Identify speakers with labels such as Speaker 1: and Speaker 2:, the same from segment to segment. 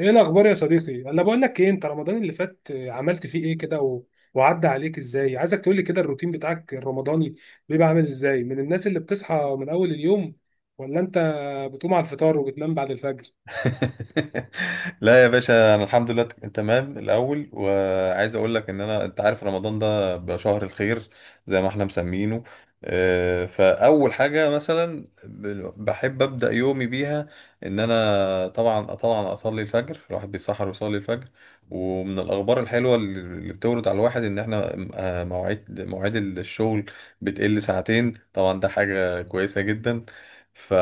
Speaker 1: ايه الاخبار يا صديقي؟ انا بقول لك ايه؟ انت رمضان اللي فات عملت فيه ايه كده وعدى عليك ازاي؟ عايزك تقول لي كده الروتين بتاعك الرمضاني بيبقى عامل ازاي؟ من الناس اللي بتصحى من اول اليوم، ولا انت بتقوم على الفطار وبتنام بعد الفجر؟
Speaker 2: لا يا باشا انا الحمد لله تمام الاول، وعايز اقول لك ان انا انت عارف رمضان ده بيبقى شهر الخير زي ما احنا مسمينه. فاول حاجه مثلا بحب ابدا يومي بيها، ان انا طبعا اصلي الفجر، الواحد بيسحر ويصلي الفجر. ومن الاخبار الحلوه اللي بتورد على الواحد ان احنا، مواعيد الشغل بتقل ساعتين، طبعا ده حاجه كويسه جدا. ف...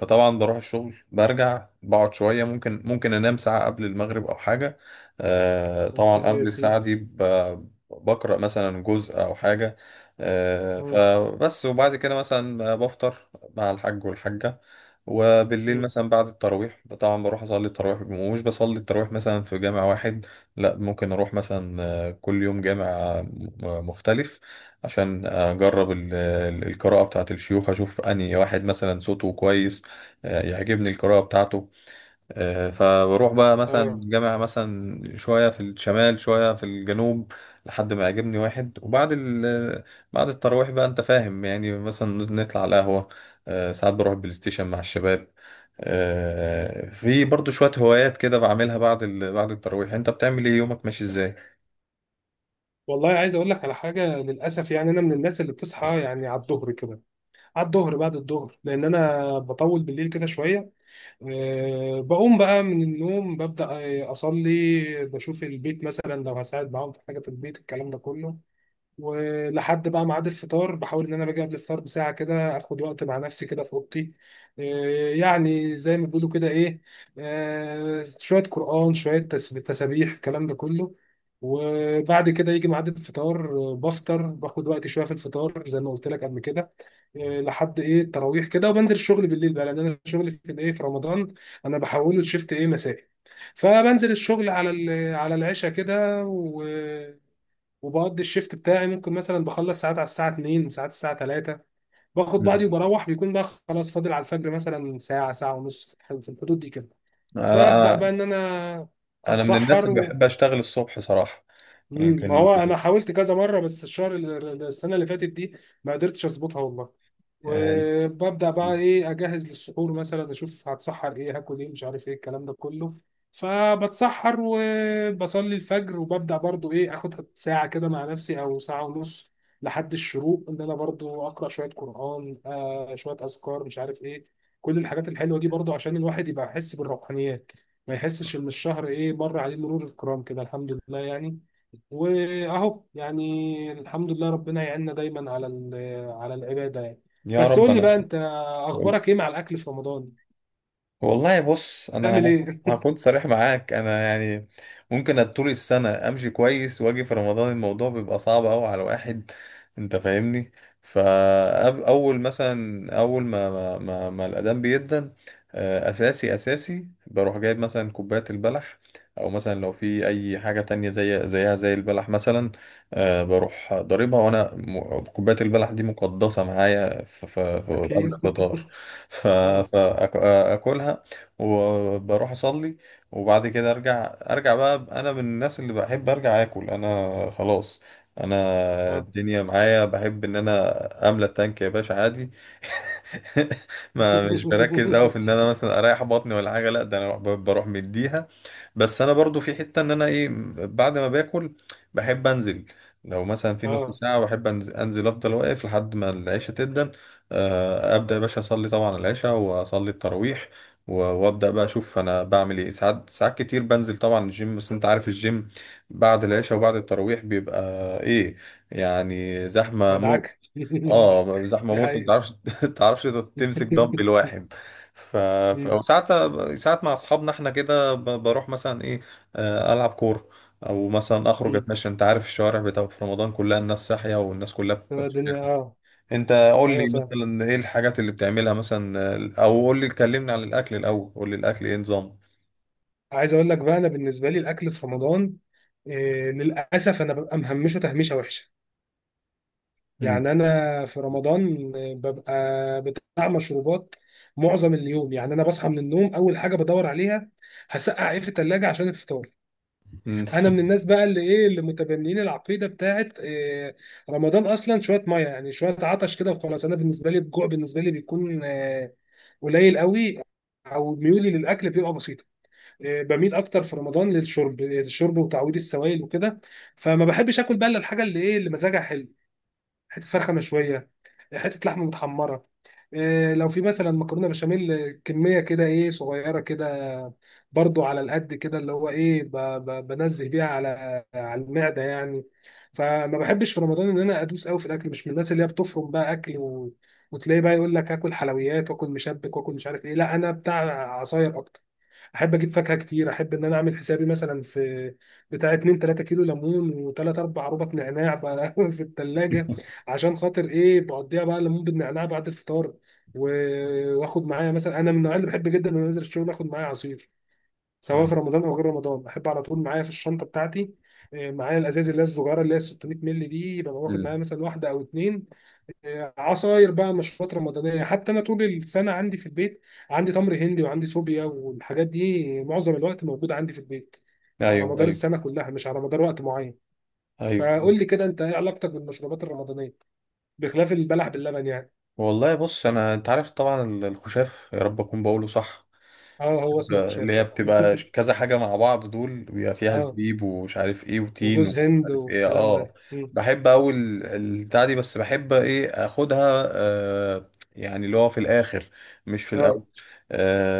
Speaker 2: فطبعا بروح الشغل، برجع بقعد شوية، ممكن أنام ساعة قبل المغرب أو حاجة.
Speaker 1: يا
Speaker 2: طبعا
Speaker 1: سيدي يا
Speaker 2: قبل الساعة
Speaker 1: سيدي.
Speaker 2: دي بقرأ مثلا جزء أو حاجة.
Speaker 1: مم.
Speaker 2: فبس وبعد كده مثلا بفطر مع الحاج والحاجة. وبالليل
Speaker 1: مم.
Speaker 2: مثلا بعد التراويح طبعا بروح أصلي التراويح، مش بصلي التراويح مثلا في جامع واحد، لا ممكن أروح مثلا كل يوم جامع مختلف، عشان اجرب القراءة بتاعة الشيوخ، اشوف انهي واحد مثلا صوته كويس، يعجبني القراءة بتاعته. فبروح بقى مثلا
Speaker 1: اه.
Speaker 2: جامع، مثلا شوية في الشمال شوية في الجنوب، لحد ما يعجبني واحد. وبعد بعد التراويح بقى انت فاهم، يعني مثلا نطلع على القهوة. ساعات بروح بلاي ستيشن مع الشباب. في برضو شوية هوايات كده بعملها بعد التراويح. انت بتعمل ايه؟ يومك ماشي ازاي؟
Speaker 1: والله عايز اقول لك على حاجه، للاسف يعني انا من الناس اللي بتصحى يعني على الظهر كده، على الظهر بعد الظهر، لان انا بطول بالليل كده شويه. بقوم بقى من النوم، ببدأ أصلي، بشوف البيت مثلا لو هساعد معاهم في حاجة في البيت الكلام ده كله. ولحد بقى ميعاد الفطار بحاول ان انا باجي قبل الفطار بساعه كده، اخد وقت مع نفسي كده في اوضتي، إيه، يعني زي ما بيقولوا كده ايه، شويه قران شويه تسابيح الكلام ده كله. وبعد كده يجي ميعاد الفطار، بفطر، باخد وقت شويه في الفطار زي ما قلت لك قبل كده، لحد ايه التراويح كده، وبنزل الشغل بالليل بقى، لان انا شغلي في الايه في رمضان انا بحوله لشيفت ايه مسائي. فبنزل الشغل على العشاء كده، وبقضي الشيفت بتاعي، ممكن مثلا بخلص ساعات على الساعه 2، ساعات الساعه 3، باخد
Speaker 2: مم.
Speaker 1: بعضي وبروح. بيكون بقى خلاص فاضل على الفجر مثلا ساعه، ساعه ونص في الحدود دي كده.
Speaker 2: لا
Speaker 1: ببدا
Speaker 2: انا
Speaker 1: بقى ان انا
Speaker 2: انا من الناس اللي
Speaker 1: اتسحر.
Speaker 2: بحب اشتغل الصبح صراحه. يعني
Speaker 1: مم. ما
Speaker 2: كان...
Speaker 1: هو انا حاولت كذا مره، بس الشهر السنه اللي فاتت دي ما قدرتش اظبطها والله.
Speaker 2: آه،
Speaker 1: وببدا بقى ايه اجهز للسحور، مثلا اشوف هتسحر ايه، هاكل ايه، مش عارف ايه الكلام ده كله. فبتسحر وبصلي الفجر، وببدا برضو ايه اخد ساعه كده مع نفسي او ساعه ونص لحد الشروق، ان انا برضو اقرا شويه قران، شويه اذكار مش عارف ايه، كل الحاجات الحلوه دي برضو عشان الواحد يبقى يحس بالروحانيات، ما يحسش ان الشهر ايه مر عليه مرور الكرام كده، الحمد لله يعني. واهو يعني الحمد لله، ربنا يعيننا دايما على العباده يعني.
Speaker 2: يا
Speaker 1: بس
Speaker 2: رب.
Speaker 1: قول لي بقى
Speaker 2: انا
Speaker 1: انت، اخبارك ايه مع الاكل في رمضان؟
Speaker 2: والله بص، انا
Speaker 1: بتعمل ايه؟
Speaker 2: هكون صريح معاك، انا يعني ممكن طول السنه امشي كويس واجي في رمضان الموضوع بيبقى صعب قوي على واحد، انت فاهمني؟ فاول مثلا، اول ما الاذان بيدن، اساسي اساسي بروح جايب مثلا كوبايه البلح، او مثلا لو في اي حاجه تانية زي البلح مثلا، بروح ضاربها وانا كوبايه البلح دي مقدسه معايا قبل
Speaker 1: اكيد.
Speaker 2: الفطار. ف-
Speaker 1: مم.
Speaker 2: فأك- اكلها وبروح اصلي. وبعد كده ارجع بقى، انا من الناس اللي بحب ارجع اكل. انا خلاص، انا
Speaker 1: اه.
Speaker 2: الدنيا معايا، بحب ان انا املى التانك يا باشا عادي. ما مش بركز قوي في ان انا مثلا اريح بطني ولا حاجه، لا ده انا بروح مديها. بس انا برضو في حتة ان انا ايه، بعد ما باكل بحب انزل، لو مثلا في نص
Speaker 1: اه
Speaker 2: ساعة بحب أنزل افضل واقف لحد ما العشاء تبدأ. ابدأ يا باشا اصلي طبعا العشاء واصلي التراويح، وابدأ بقى اشوف انا بعمل ايه. ساعات ساعات كتير بنزل طبعا الجيم، بس انت عارف الجيم بعد العشاء وبعد التراويح بيبقى ايه، يعني زحمة
Speaker 1: مدعكه.
Speaker 2: موت. اه زحمه
Speaker 1: دي
Speaker 2: موت، ما
Speaker 1: حقيقة.
Speaker 2: تعرفش تعرفش، تمسك دمبل واحد. ف...
Speaker 1: مم.
Speaker 2: وساعات، ساعات مع اصحابنا احنا كده، بروح مثلا ايه، العب كوره، او مثلا اخرج
Speaker 1: مم.
Speaker 2: اتمشى. انت عارف الشوارع بتاع في رمضان كلها الناس صاحيه، والناس كلها بتبقى
Speaker 1: تبقى
Speaker 2: في
Speaker 1: الدنيا
Speaker 2: الشارع.
Speaker 1: اه.
Speaker 2: انت قول
Speaker 1: ايوه
Speaker 2: لي
Speaker 1: صح.
Speaker 2: مثلا ايه الحاجات اللي بتعملها مثلا، او قول لي، كلمني عن الاكل الاول، قول لي الاكل ايه نظام؟
Speaker 1: عايز اقول لك بقى، انا بالنسبه لي الاكل في رمضان، إيه، للاسف انا ببقى مهمشه تهميشه وحشه.
Speaker 2: مم.
Speaker 1: يعني انا في رمضان ببقى بتاع مشروبات معظم اليوم. يعني انا بصحى من النوم، اول حاجه بدور عليها هسقع ايه في الثلاجه عشان الفطار.
Speaker 2: مم.
Speaker 1: انا من الناس بقى اللي ايه، اللي متبنيين العقيده بتاعت إيه، رمضان اصلا شويه ميه يعني، شويه عطش كده وخلاص. انا بالنسبه لي الجوع بالنسبه لي بيكون قليل قوي، او ميولي للاكل بيبقى بسيطه. بميل اكتر في رمضان للشرب، الشرب وتعويض السوائل وكده. فما بحبش اكل بقى الا الحاجه اللي ايه، اللي مزاجها حلو، حته فرخه مشويه، حته لحمه متحمره، إيه لو في مثلا مكرونه بشاميل كميه كده ايه صغيره كده، برضو على القد كده اللي هو ايه، بنزه بيها على المعده يعني. فما بحبش في رمضان ان انا ادوس قوي في الاكل، مش من الناس اللي هي بتفرم بقى اكل وتلاقي بقى يقول لك اكل حلويات واكل مشبك واكل مش عارف ايه، لا انا بتاع عصاير اكتر، احب اجيب فاكهه كتير. احب ان انا اعمل حسابي مثلا في بتاع 2 3 كيلو ليمون و3 4 ربط نعناع بقى في الثلاجه، عشان خاطر ايه بقضيها بقى ليمون بالنعناع بعد الفطار. واخد معايا مثلا، انا من النوع اللي بحب جدا ان أنا انزل الشغل اخد معايا عصير، سواء في
Speaker 2: يعني.
Speaker 1: رمضان او غير رمضان، احب على طول معايا في الشنطه بتاعتي، إيه، معايا الازاز اللي هي الصغيره اللي هي 600 مللي دي، يبقى واخد معايا
Speaker 2: مم.
Speaker 1: مثلا واحده او اتنين عصاير بقى، مشروبات رمضانية. حتى أنا طول السنة عندي في البيت، عندي تمر هندي وعندي صوبيا، والحاجات دي معظم الوقت موجودة عندي في البيت، على
Speaker 2: ايوه،
Speaker 1: مدار
Speaker 2: ايوه،
Speaker 1: السنة كلها مش على مدار وقت معين.
Speaker 2: ايوه.
Speaker 1: فقول لي كده أنت، إيه علاقتك بالمشروبات الرمضانية بخلاف البلح باللبن يعني؟
Speaker 2: والله بص، انا انت عارف طبعا الخشاف، يا رب اكون بقوله صح،
Speaker 1: أه هو اسمه
Speaker 2: اللي
Speaker 1: كشاف.
Speaker 2: هي بتبقى كذا حاجة مع بعض، دول بيبقى فيها
Speaker 1: أه،
Speaker 2: زبيب ومش عارف ايه وتين
Speaker 1: وجوز
Speaker 2: ومش
Speaker 1: هند
Speaker 2: عارف ايه،
Speaker 1: والكلام
Speaker 2: اه.
Speaker 1: ده. مم.
Speaker 2: بحب اول البتاع دي، بس بحب ايه اخدها، يعني اللي هو في الاخر مش في
Speaker 1: أه.
Speaker 2: الاول.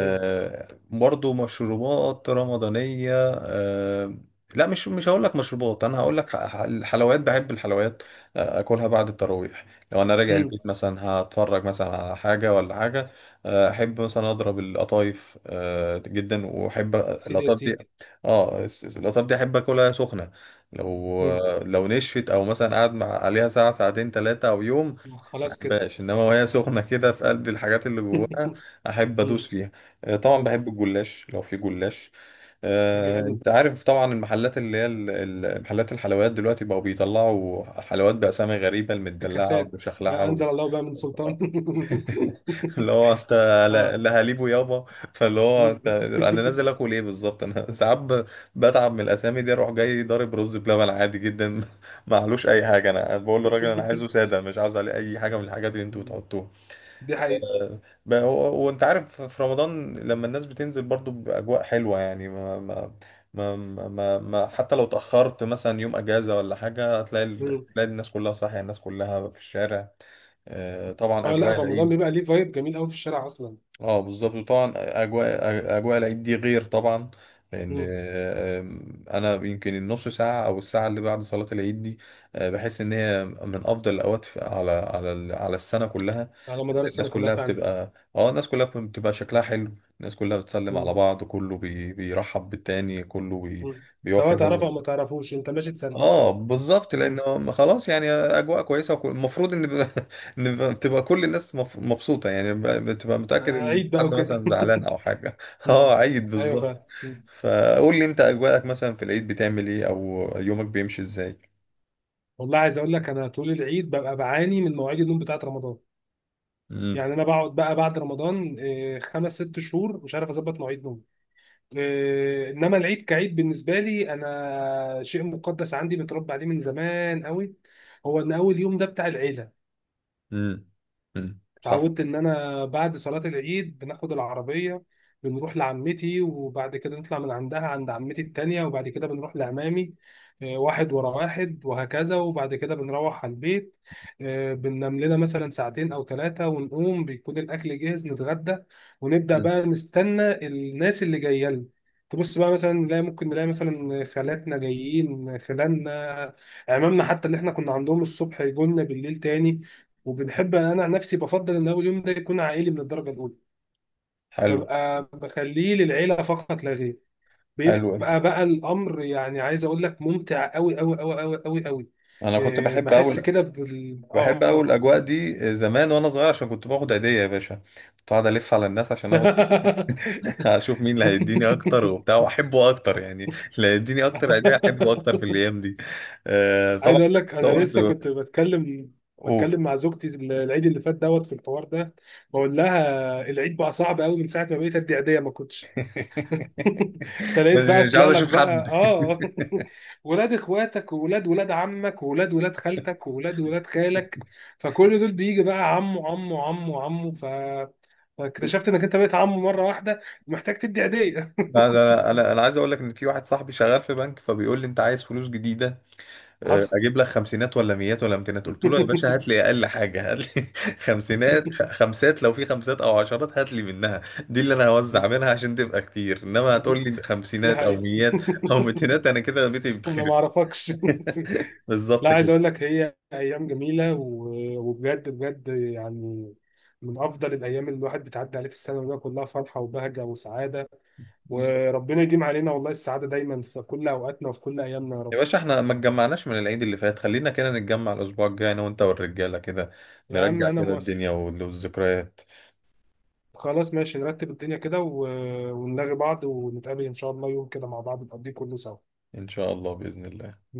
Speaker 1: أيوه.
Speaker 2: برضو مشروبات رمضانية. لا، مش هقول لك مشروبات، انا هقول لك الحلويات. بحب الحلويات، اكلها بعد التراويح. لو انا راجع
Speaker 1: مم.
Speaker 2: البيت مثلا هتفرج مثلا على حاجة ولا حاجة، احب مثلا اضرب القطايف جدا، واحب
Speaker 1: سيدي يا
Speaker 2: القطايف دي.
Speaker 1: سيدي.
Speaker 2: اه القطايف دي احب اكلها سخنه، لو
Speaker 1: مم.
Speaker 2: لو نشفت او مثلا قاعد مع عليها ساعه ساعتين ثلاثه او يوم، ما
Speaker 1: خلاص كده.
Speaker 2: بحبهاش. انما وهي سخنه كده في قلب الحاجات اللي جواها، احب ادوس
Speaker 1: مم.
Speaker 2: فيها. طبعا
Speaker 1: مم.
Speaker 2: بحب الجلاش لو في جلاش.
Speaker 1: جامد
Speaker 2: انت
Speaker 1: ده.
Speaker 2: عارف طبعا المحلات اللي هي محلات الحلويات دلوقتي بقوا بيطلعوا حلويات بأسامي غريبة، المدلعة
Speaker 1: افتكاسات.
Speaker 2: والمشخلعة
Speaker 1: ما
Speaker 2: و...
Speaker 1: انزل الله بها من سلطان.
Speaker 2: اللي هو انت، لا
Speaker 1: اه.
Speaker 2: لا، هليبه يابا. فاللي هو
Speaker 1: مم.
Speaker 2: انت، انا نازل اكل ايه بالظبط؟ انا ساعات بتعب من الاسامي دي، اروح جاي ضارب رز بلبن عادي جدا. معلوش اي حاجه، انا بقول للراجل انا عايزه ساده، مش عاوز عليه اي حاجه من الحاجات اللي انتوا بتحطوها
Speaker 1: دي حقيقة.
Speaker 2: بقى. هو وانت عارف في رمضان لما الناس بتنزل برضو بأجواء حلوة يعني، حتى لو تأخرت مثلا يوم أجازة ولا حاجة، هتلاقي
Speaker 1: مم.
Speaker 2: تلاقي الناس كلها صاحية، الناس كلها في الشارع. طبعا
Speaker 1: اه، لا
Speaker 2: أجواء
Speaker 1: رمضان
Speaker 2: العيد.
Speaker 1: بيبقى ليه فايب جميل قوي في الشارع اصلا.
Speaker 2: اه بالظبط، وطبعا اجواء العيد دي غير طبعا. لان
Speaker 1: مم.
Speaker 2: انا يمكن النص ساعه او الساعه اللي بعد صلاه العيد دي، بحس ان هي من افضل الاوقات على السنه كلها.
Speaker 1: على مدار
Speaker 2: الناس
Speaker 1: السنه كلها
Speaker 2: كلها
Speaker 1: فعلا.
Speaker 2: بتبقى، اه الناس كلها بتبقى شكلها حلو، الناس كلها بتسلم على
Speaker 1: مم.
Speaker 2: بعض، كله بيرحب بالتاني، كله
Speaker 1: مم.
Speaker 2: بيوفي
Speaker 1: سواء تعرفه
Speaker 2: حظ.
Speaker 1: او ما تعرفوش، انت ماشي تسلي.
Speaker 2: اه بالظبط،
Speaker 1: مم.
Speaker 2: لانه خلاص يعني اجواء كويسه، المفروض ان ان تبقى كل الناس مبسوطه، يعني بتبقى متاكد ان
Speaker 1: عيد
Speaker 2: مفيش
Speaker 1: بقى
Speaker 2: حد
Speaker 1: وكده.
Speaker 2: مثلا زعلان او حاجه.
Speaker 1: مم.
Speaker 2: اه، عيد
Speaker 1: ايوه
Speaker 2: بالظبط.
Speaker 1: فعلا. مم.
Speaker 2: فقول لي انت اجواءك مثلا في العيد بتعمل ايه، او يومك بيمشي ازاي؟
Speaker 1: والله عايز اقول لك، انا طول العيد ببقى بعاني من مواعيد النوم بتاعت رمضان،
Speaker 2: امم.
Speaker 1: يعني انا بقعد بقى بعد رمضان، إيه، خمس ست شهور مش عارف اظبط مواعيد نوم. انما العيد كعيد بالنسبه لي انا شيء مقدس عندي، متربى عليه من زمان قوي، هو ان اول يوم ده بتاع العيله.
Speaker 2: امم. صح.
Speaker 1: اتعودت ان انا بعد صلاه العيد بناخد العربيه، بنروح لعمتي، وبعد كده نطلع من عندها عند عمتي التانية، وبعد كده بنروح لعمامي، واحد ورا واحد وهكذا، وبعد كده بنروح على البيت، بننام لنا مثلا ساعتين او ثلاثة، ونقوم بيكون الاكل جاهز نتغدى، ونبدا
Speaker 2: مم.
Speaker 1: بقى نستنى الناس اللي جايه لنا. تبص بقى مثلا نلاقي، ممكن نلاقي مثلا خالاتنا جايين، خلاننا، عمامنا، حتى اللي احنا كنا عندهم الصبح يجوا لنا بالليل تاني. وبنحب، انا عن نفسي بفضل ان اول يوم ده يكون عائلي من الدرجه الاولى،
Speaker 2: حلو.
Speaker 1: ببقى بخليه للعيله فقط لا غير.
Speaker 2: حلو. انت،
Speaker 1: بيبقى بقى الامر يعني، عايز اقول لك ممتع قوي قوي قوي قوي قوي قوي،
Speaker 2: انا كنت
Speaker 1: إيه،
Speaker 2: بحب
Speaker 1: بحس
Speaker 2: اول،
Speaker 1: كده بال
Speaker 2: بحب اول
Speaker 1: اه
Speaker 2: الاجواء دي زمان وانا صغير، عشان كنت باخد عيديه يا باشا. كنت قاعد الف على الناس عشان اخد، هشوف مين اللي هيديني اكتر وبتاع واحبه اكتر يعني، اللي هيديني اكتر يعني احبه اكتر في الايام دي. آه طبعا.
Speaker 1: عايز اقول لك
Speaker 2: ده
Speaker 1: انا
Speaker 2: قلت،
Speaker 1: لسه كنت بتكلم
Speaker 2: قول.
Speaker 1: بتكلم مع زوجتي العيد اللي فات دوت في الحوار ده، بقول لها العيد بقى صعب قوي من ساعه ما بقيت ادي عيديه، ما كنتش
Speaker 2: بس
Speaker 1: تلاقيت بقى
Speaker 2: مش
Speaker 1: طلع
Speaker 2: عايز
Speaker 1: لك
Speaker 2: اشوف
Speaker 1: بقى
Speaker 2: حد.
Speaker 1: اه. ولاد اخواتك، وولاد ولاد عمك، وولاد ولاد خالتك، وولاد ولاد خالك، فكل دول بيجي بقى عمه عمه عمه عمه، فاكتشفت انك انت بقيت عمه مره واحده محتاج تدي هديه.
Speaker 2: لا، ده انا انا أنا عايز اقول لك ان في واحد صاحبي شغال في بنك، فبيقول لي انت عايز فلوس جديده؟
Speaker 1: حصل.
Speaker 2: اجيب لك خمسينات ولا ميات ولا امتينات؟ قلت له يا باشا هات لي اقل حاجه، هات لي خمسينات، خمسات لو في خمسات او عشرات هات لي منها. دي اللي انا هوزع منها عشان تبقى كتير، انما هتقول لي
Speaker 1: دي
Speaker 2: خمسينات او
Speaker 1: حقيقة.
Speaker 2: ميات او ميتينات، انا كده بيتي
Speaker 1: انا
Speaker 2: بيتخرب.
Speaker 1: ما اعرفكش. لا
Speaker 2: بالظبط
Speaker 1: عايز
Speaker 2: كده.
Speaker 1: اقول لك هي ايام جميله وبجد بجد يعني، من افضل الايام اللي الواحد بتعدي عليه في السنه، وهي كلها فرحه وبهجه وسعاده،
Speaker 2: بز-
Speaker 1: وربنا يديم علينا والله السعاده دايما في كل اوقاتنا وفي كل ايامنا يا
Speaker 2: يا
Speaker 1: رب.
Speaker 2: باشا احنا ما اتجمعناش من العيد اللي فات، خلينا كده نتجمع الاسبوع الجاي، انا وانت والرجاله كده،
Speaker 1: يا عم
Speaker 2: نرجع
Speaker 1: انا
Speaker 2: كده
Speaker 1: موافق.
Speaker 2: الدنيا والذكريات.
Speaker 1: خلاص ماشي، نرتب الدنيا كده ونلاقي بعض ونتقابل ان شاء الله يوم كده مع بعض نقضيه كله سوا.
Speaker 2: ان شاء الله، باذن الله.